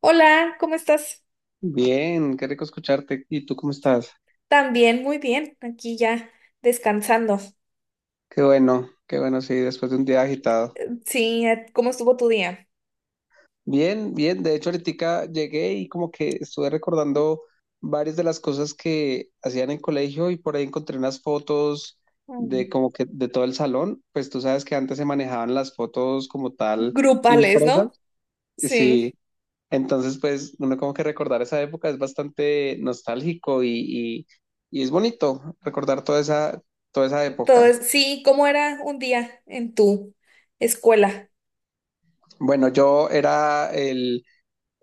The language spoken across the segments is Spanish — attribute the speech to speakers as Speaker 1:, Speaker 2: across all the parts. Speaker 1: Hola, ¿cómo estás?
Speaker 2: Bien, qué rico escucharte. ¿Y tú cómo estás?
Speaker 1: También, muy bien, aquí ya descansando.
Speaker 2: Qué bueno, sí, después de un día agitado.
Speaker 1: Sí, ¿cómo estuvo tu día?
Speaker 2: Bien, bien. De hecho, ahorita llegué y como que estuve recordando varias de las cosas que hacían en colegio y por ahí encontré unas fotos de
Speaker 1: Mm.
Speaker 2: como que de todo el salón. Pues tú sabes que antes se manejaban las fotos como tal
Speaker 1: Grupales,
Speaker 2: impresas.
Speaker 1: ¿no?
Speaker 2: Sí,
Speaker 1: Sí.
Speaker 2: entonces pues uno como que recordar esa época es bastante nostálgico y, y es bonito recordar toda esa época.
Speaker 1: Entonces, sí, ¿cómo era un día en tu escuela?
Speaker 2: Bueno, yo era el,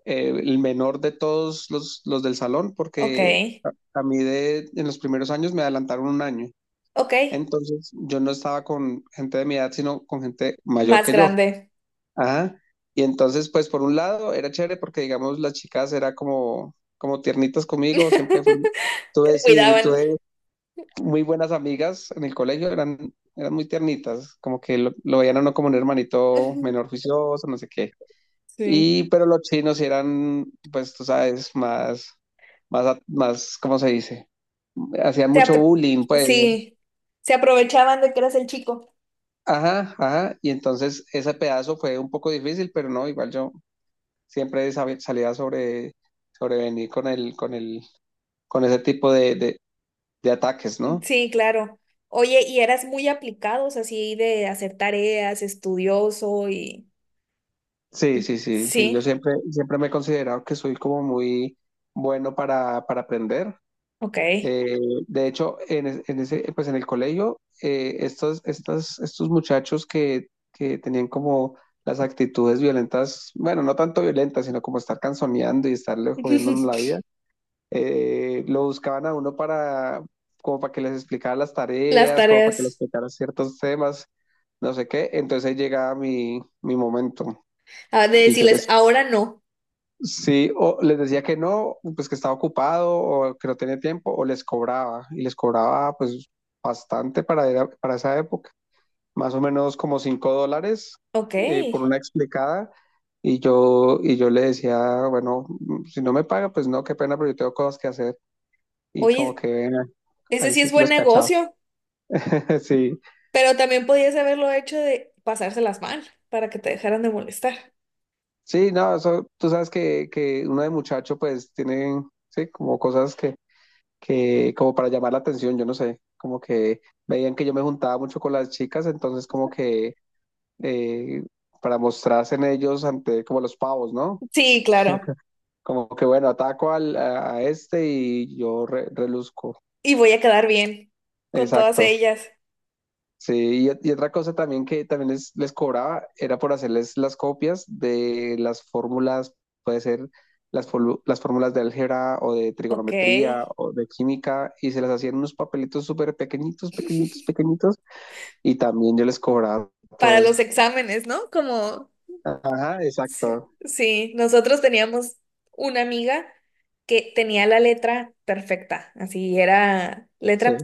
Speaker 2: eh, el menor de todos los del salón
Speaker 1: Ok,
Speaker 2: porque a mí en los primeros años me adelantaron un año.
Speaker 1: ok,
Speaker 2: Entonces yo no estaba con gente de mi edad, sino con gente mayor
Speaker 1: más
Speaker 2: que yo.
Speaker 1: grande.
Speaker 2: Ajá. Y entonces, pues por un lado era chévere porque, digamos, las chicas era como tiernitas conmigo, siempre tuve,
Speaker 1: Te
Speaker 2: sí,
Speaker 1: cuidaban.
Speaker 2: tuve muy buenas amigas en el colegio, eran muy tiernitas, como que lo veían a uno como un hermanito
Speaker 1: Ujú.
Speaker 2: menor juicioso, no sé qué.
Speaker 1: Sí.
Speaker 2: Y, pero los chinos sí eran, pues tú sabes, más, ¿cómo se dice? Hacían
Speaker 1: Se
Speaker 2: mucho
Speaker 1: apro-
Speaker 2: bullying, pues.
Speaker 1: sí, se aprovechaban de que eras el chico.
Speaker 2: Ajá, ajá. Y entonces ese pedazo fue un poco difícil, pero no, igual yo siempre salía sobrevenir con ese tipo de ataques, ¿no?
Speaker 1: Sí, claro. Oye, y eras muy aplicados así de hacer tareas, estudioso y...
Speaker 2: Sí, sí, sí, sí. Yo
Speaker 1: Sí,
Speaker 2: siempre me he considerado que soy como muy bueno para aprender.
Speaker 1: ok.
Speaker 2: Eh, de hecho, en, es- en ese, pues en el colegio, estos muchachos que tenían como las actitudes violentas, bueno, no tanto violentas, sino como estar canzoneando y estarle jodiendo a uno la vida, lo buscaban a uno para, como para que les explicara las
Speaker 1: Las
Speaker 2: tareas, como para que les
Speaker 1: tareas.
Speaker 2: explicara ciertos temas, no sé qué. Entonces ahí llegaba mi momento
Speaker 1: Ah, de
Speaker 2: y yo
Speaker 1: decirles,
Speaker 2: les
Speaker 1: ahora no.
Speaker 2: sí, o les decía que no, pues que estaba ocupado o que no tenía tiempo, o les cobraba, y les cobraba pues bastante para esa época, más o menos como $5
Speaker 1: Ok.
Speaker 2: por una explicada, y yo le decía, bueno, si no me paga, pues no, qué pena, pero yo tengo cosas que hacer, y como
Speaker 1: Oye,
Speaker 2: que
Speaker 1: ese
Speaker 2: ahí
Speaker 1: sí es
Speaker 2: sí
Speaker 1: buen
Speaker 2: los cachaba,
Speaker 1: negocio,
Speaker 2: sí,
Speaker 1: pero también podías haberlo hecho de pasárselas mal para que te dejaran de molestar.
Speaker 2: sí, no, eso, tú sabes que uno de muchacho pues tiene, sí, como cosas que como para llamar la atención, yo no sé, como que veían que yo me juntaba mucho con las chicas, entonces como que eh, para mostrarse en ellos ante como los pavos, ¿no?
Speaker 1: Sí, claro.
Speaker 2: Como que bueno, ataco a este y yo reluzco.
Speaker 1: Y voy a quedar bien con todas
Speaker 2: Exacto.
Speaker 1: ellas.
Speaker 2: Sí, y otra cosa también que también les cobraba era por hacerles las copias de las fórmulas, puede ser las fórmulas de álgebra o de
Speaker 1: Ok.
Speaker 2: trigonometría o de química, y se las hacían unos papelitos súper pequeñitos, pequeñitos, pequeñitos, y también yo les cobraba todo
Speaker 1: Para
Speaker 2: eso.
Speaker 1: los exámenes, ¿no? Como
Speaker 2: Ajá,
Speaker 1: sí,
Speaker 2: exacto.
Speaker 1: sí, nosotros teníamos una amiga que tenía la letra perfecta, así era
Speaker 2: Sí,
Speaker 1: letra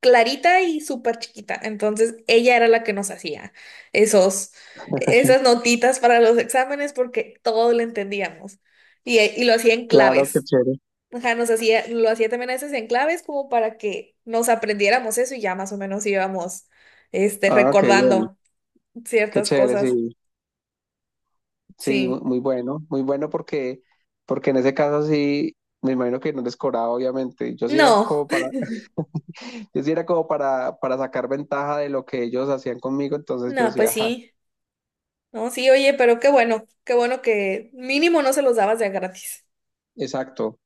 Speaker 1: clarita y súper chiquita. Entonces ella era la que nos hacía esos, esas notitas para los exámenes porque todo lo entendíamos y lo hacía en
Speaker 2: claro, qué
Speaker 1: claves.
Speaker 2: chévere.
Speaker 1: Ajá, nos hacía, lo hacía también a veces en claves como para que nos aprendiéramos eso y ya más o menos íbamos este,
Speaker 2: Ah, qué bien,
Speaker 1: recordando
Speaker 2: qué
Speaker 1: ciertas
Speaker 2: chévere, sí,
Speaker 1: cosas.
Speaker 2: sí,
Speaker 1: Sí.
Speaker 2: muy bueno, muy bueno porque en ese caso sí, me imagino que no les cobraba, obviamente. Yo sí era
Speaker 1: No.
Speaker 2: como para, yo sí era como para sacar ventaja de lo que ellos hacían conmigo, entonces yo
Speaker 1: No,
Speaker 2: decía,
Speaker 1: pues
Speaker 2: ajá,
Speaker 1: sí. No, sí, oye, pero qué bueno que mínimo no se los dabas de a gratis.
Speaker 2: exacto.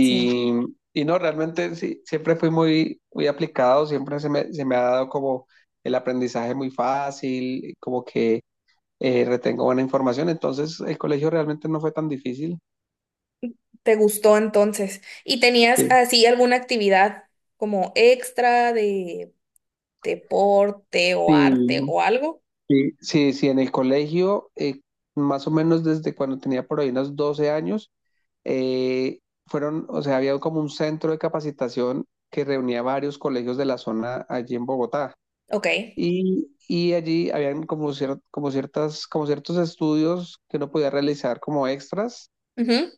Speaker 1: Sí,
Speaker 2: y no, realmente sí, siempre fui muy, muy aplicado, siempre se me ha dado como el aprendizaje muy fácil, como que retengo buena información. Entonces, el colegio realmente no fue tan difícil.
Speaker 1: te gustó entonces. ¿Y tenías
Speaker 2: Sí,
Speaker 1: así alguna actividad como extra de deporte o
Speaker 2: sí,
Speaker 1: arte o algo?
Speaker 2: sí, sí, sí, en el colegio, más o menos desde cuando tenía por ahí unos 12 años, eh, o sea, había como un centro de capacitación que reunía varios colegios de la zona allí en Bogotá.
Speaker 1: Ok.
Speaker 2: Y allí habían como ciertos estudios que uno podía realizar como extras.
Speaker 1: Ujú.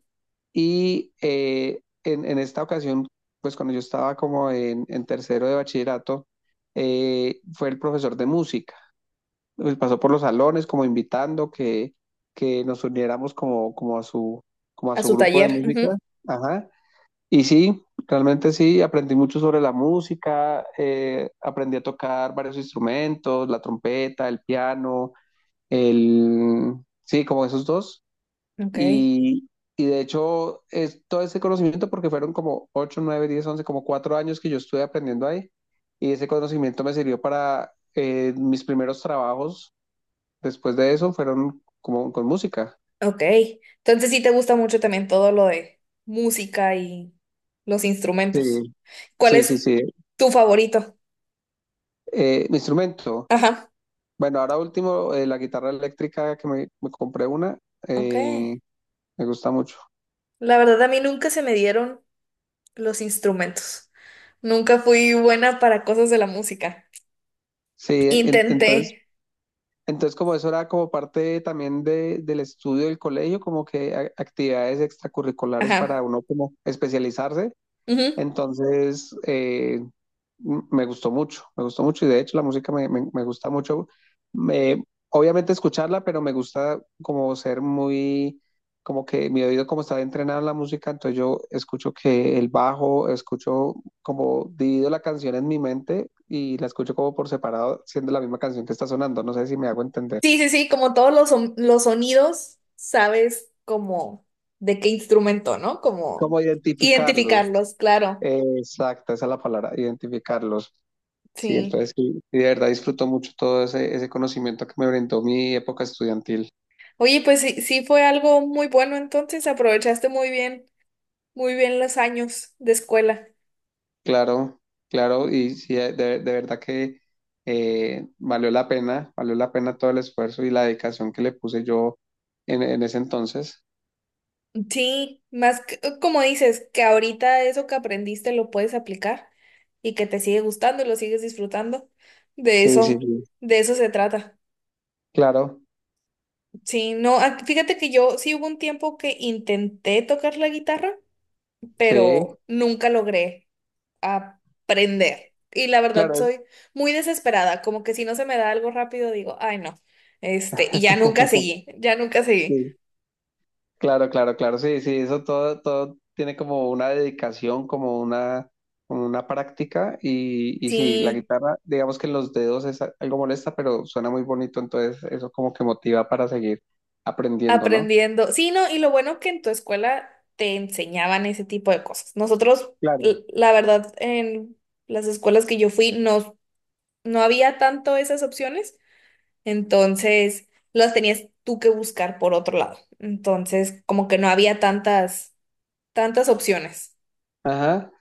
Speaker 2: Y en esta ocasión, pues cuando yo estaba en tercero de bachillerato, fue el profesor de música. Pues pasó por los salones como invitando que nos uniéramos como a
Speaker 1: A
Speaker 2: su
Speaker 1: su
Speaker 2: grupo de
Speaker 1: taller.
Speaker 2: música.
Speaker 1: Ujú.
Speaker 2: Ajá. Y sí, realmente sí, aprendí mucho sobre la música, aprendí a tocar varios instrumentos, la trompeta, el piano, el... Sí, como esos dos.
Speaker 1: Ok.
Speaker 2: Y, y de hecho, es todo ese conocimiento, porque fueron como 8, 9, 10, 11 como 4 años que yo estuve aprendiendo ahí. Y ese conocimiento me sirvió para mis primeros trabajos. Después de eso fueron como con música.
Speaker 1: Ok. Entonces sí te gusta mucho también todo lo de música y los
Speaker 2: Sí,
Speaker 1: instrumentos. ¿Cuál
Speaker 2: sí, sí,
Speaker 1: es
Speaker 2: sí.
Speaker 1: tu favorito?
Speaker 2: Mi instrumento.
Speaker 1: Ajá.
Speaker 2: Bueno, ahora último, la guitarra eléctrica que me compré una,
Speaker 1: Ok.
Speaker 2: eh, me gusta mucho.
Speaker 1: La verdad a mí nunca se me dieron los instrumentos. Nunca fui buena para cosas de la música.
Speaker 2: Sí,
Speaker 1: Intenté.
Speaker 2: entonces, como eso era como parte también del estudio del colegio, como que actividades extracurriculares para
Speaker 1: Ajá.
Speaker 2: uno como especializarse.
Speaker 1: Ujú.
Speaker 2: Entonces, me gustó mucho y de hecho la música me gusta mucho. Me- Obviamente escucharla, pero me gusta como ser muy, como que mi oído como está entrenado en la música, entonces yo escucho que el bajo, escucho como divido la canción en mi mente y la escucho como por separado, siendo la misma canción que está sonando. No sé si me hago entender.
Speaker 1: Sí, sí, sí, como todos los, los sonidos, sabes como de qué instrumento, ¿no? Como
Speaker 2: Como identificarlos.
Speaker 1: identificarlos, claro.
Speaker 2: Exacto, esa es la palabra, identificarlos. Sí,
Speaker 1: Sí.
Speaker 2: entonces sí, sí, de verdad disfruto mucho todo ese conocimiento que me brindó mi época estudiantil.
Speaker 1: Oye, pues sí, sí fue algo muy bueno, entonces aprovechaste muy bien los años de escuela.
Speaker 2: Claro, claro, y sí, de verdad que valió la pena todo el esfuerzo y la dedicación que le puse yo en ese entonces.
Speaker 1: Sí, como dices, que ahorita eso que aprendiste lo puedes aplicar y que te sigue gustando y lo sigues disfrutando. De
Speaker 2: Sí, sí,
Speaker 1: eso,
Speaker 2: sí.
Speaker 1: de eso se trata.
Speaker 2: Claro,
Speaker 1: Sí, no, ah, fíjate que yo sí hubo un tiempo que intenté tocar la guitarra,
Speaker 2: sí,
Speaker 1: pero nunca logré aprender. Y la verdad
Speaker 2: claro,
Speaker 1: soy muy desesperada, como que si no se me da algo rápido digo, ay no, este, y ya nunca seguí, ya nunca seguí.
Speaker 2: sí. Claro, claro, claro, sí, sí, eso todo tiene como una dedicación, como una práctica y sí, la
Speaker 1: Sí.
Speaker 2: guitarra, digamos que en los dedos es algo molesta, pero suena muy bonito, entonces eso como que motiva para seguir aprendiendo, ¿no?
Speaker 1: Aprendiendo. Sí, no, y lo bueno es que en tu escuela te enseñaban ese tipo de cosas. Nosotros,
Speaker 2: Claro.
Speaker 1: la verdad, en las escuelas que yo fui, no, no había tanto esas opciones, entonces las tenías tú que buscar por otro lado. Entonces, como que no había tantas, tantas opciones.
Speaker 2: Ajá,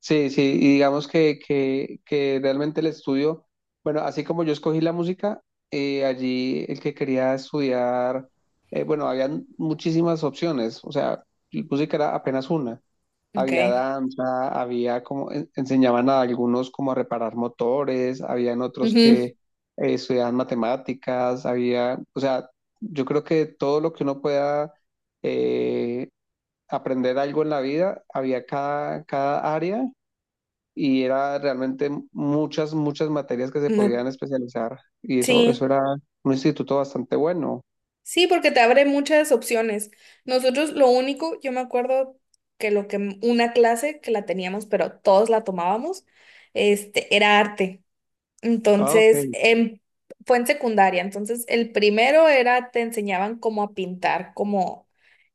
Speaker 2: sí, sí, y digamos que realmente el estudio, bueno, así como yo escogí la música, allí el que quería estudiar, bueno, habían muchísimas opciones, o sea, música era apenas una. Había
Speaker 1: Ok.
Speaker 2: danza, había enseñaban a algunos como a reparar motores, habían otros
Speaker 1: Ujú.
Speaker 2: que estudiaban matemáticas, había, o sea, yo creo que todo lo que uno pueda eh, aprender algo en la vida, había cada área y era realmente muchas, muchas materias que se
Speaker 1: Ma-
Speaker 2: podían especializar y eso
Speaker 1: Sí.
Speaker 2: era un instituto bastante bueno.
Speaker 1: Sí, porque te abre muchas opciones. Nosotros lo único, yo me acuerdo que lo que una clase que la teníamos, pero todos la tomábamos, este, era arte.
Speaker 2: Ah, ok,
Speaker 1: Entonces, em- fue en secundaria. Entonces, el primero era, te enseñaban cómo a pintar, como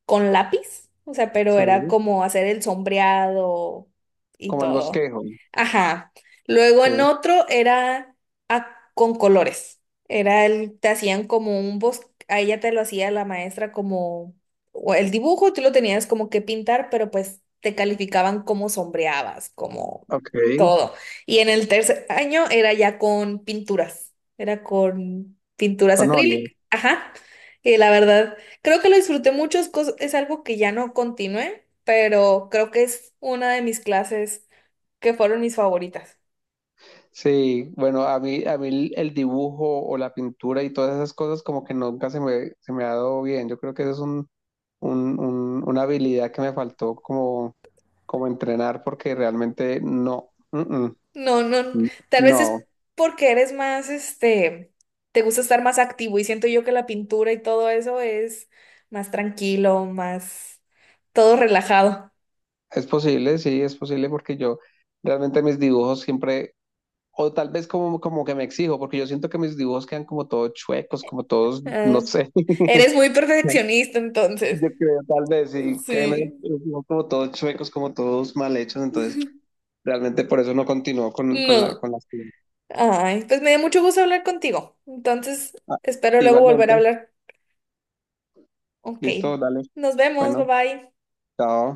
Speaker 1: con lápiz. O sea, pero era
Speaker 2: sí,
Speaker 1: como hacer el sombreado y
Speaker 2: como el
Speaker 1: todo.
Speaker 2: bosquejo,
Speaker 1: Ajá. Luego
Speaker 2: sí,
Speaker 1: en otro era a- con colores. Era el, te hacían como un bosque, a ella te lo hacía la maestra como o el dibujo, tú lo tenías como que pintar, pero pues te calificaban como sombreabas, como
Speaker 2: ok,
Speaker 1: todo. Y en el tercer año era ya con pinturas, era con pinturas
Speaker 2: con óleo.
Speaker 1: acrílicas. Ajá. Y la verdad, creo que lo disfruté mucho, es, es algo que ya no continué, pero creo que es una de mis clases que fueron mis favoritas.
Speaker 2: Sí, bueno, a mí el dibujo o la pintura y todas esas cosas como que nunca se me ha dado bien. Yo creo que eso es una habilidad que me faltó como entrenar porque realmente no,
Speaker 1: No, no, tal vez es
Speaker 2: no.
Speaker 1: porque eres más, este, te gusta estar más activo y siento yo que la pintura y todo eso es más tranquilo, más todo relajado.
Speaker 2: Es posible, sí, es posible porque yo realmente mis dibujos siempre, o tal vez como que me exijo, porque yo siento que mis dibujos quedan como todos chuecos, como todos, no
Speaker 1: Ah,
Speaker 2: sé.
Speaker 1: eres muy perfeccionista entonces.
Speaker 2: Yo creo, tal vez, sí, quedan
Speaker 1: Sí.
Speaker 2: como todos chuecos, como todos mal hechos, entonces realmente por eso no continuó
Speaker 1: No.
Speaker 2: con la... actividad.
Speaker 1: Ay, pues me dio mucho gusto hablar contigo. Entonces,
Speaker 2: Ah,
Speaker 1: espero luego volver a
Speaker 2: igualmente,
Speaker 1: hablar. Ok.
Speaker 2: listo, dale.
Speaker 1: Nos vemos.
Speaker 2: Bueno,
Speaker 1: Bye bye.
Speaker 2: chao.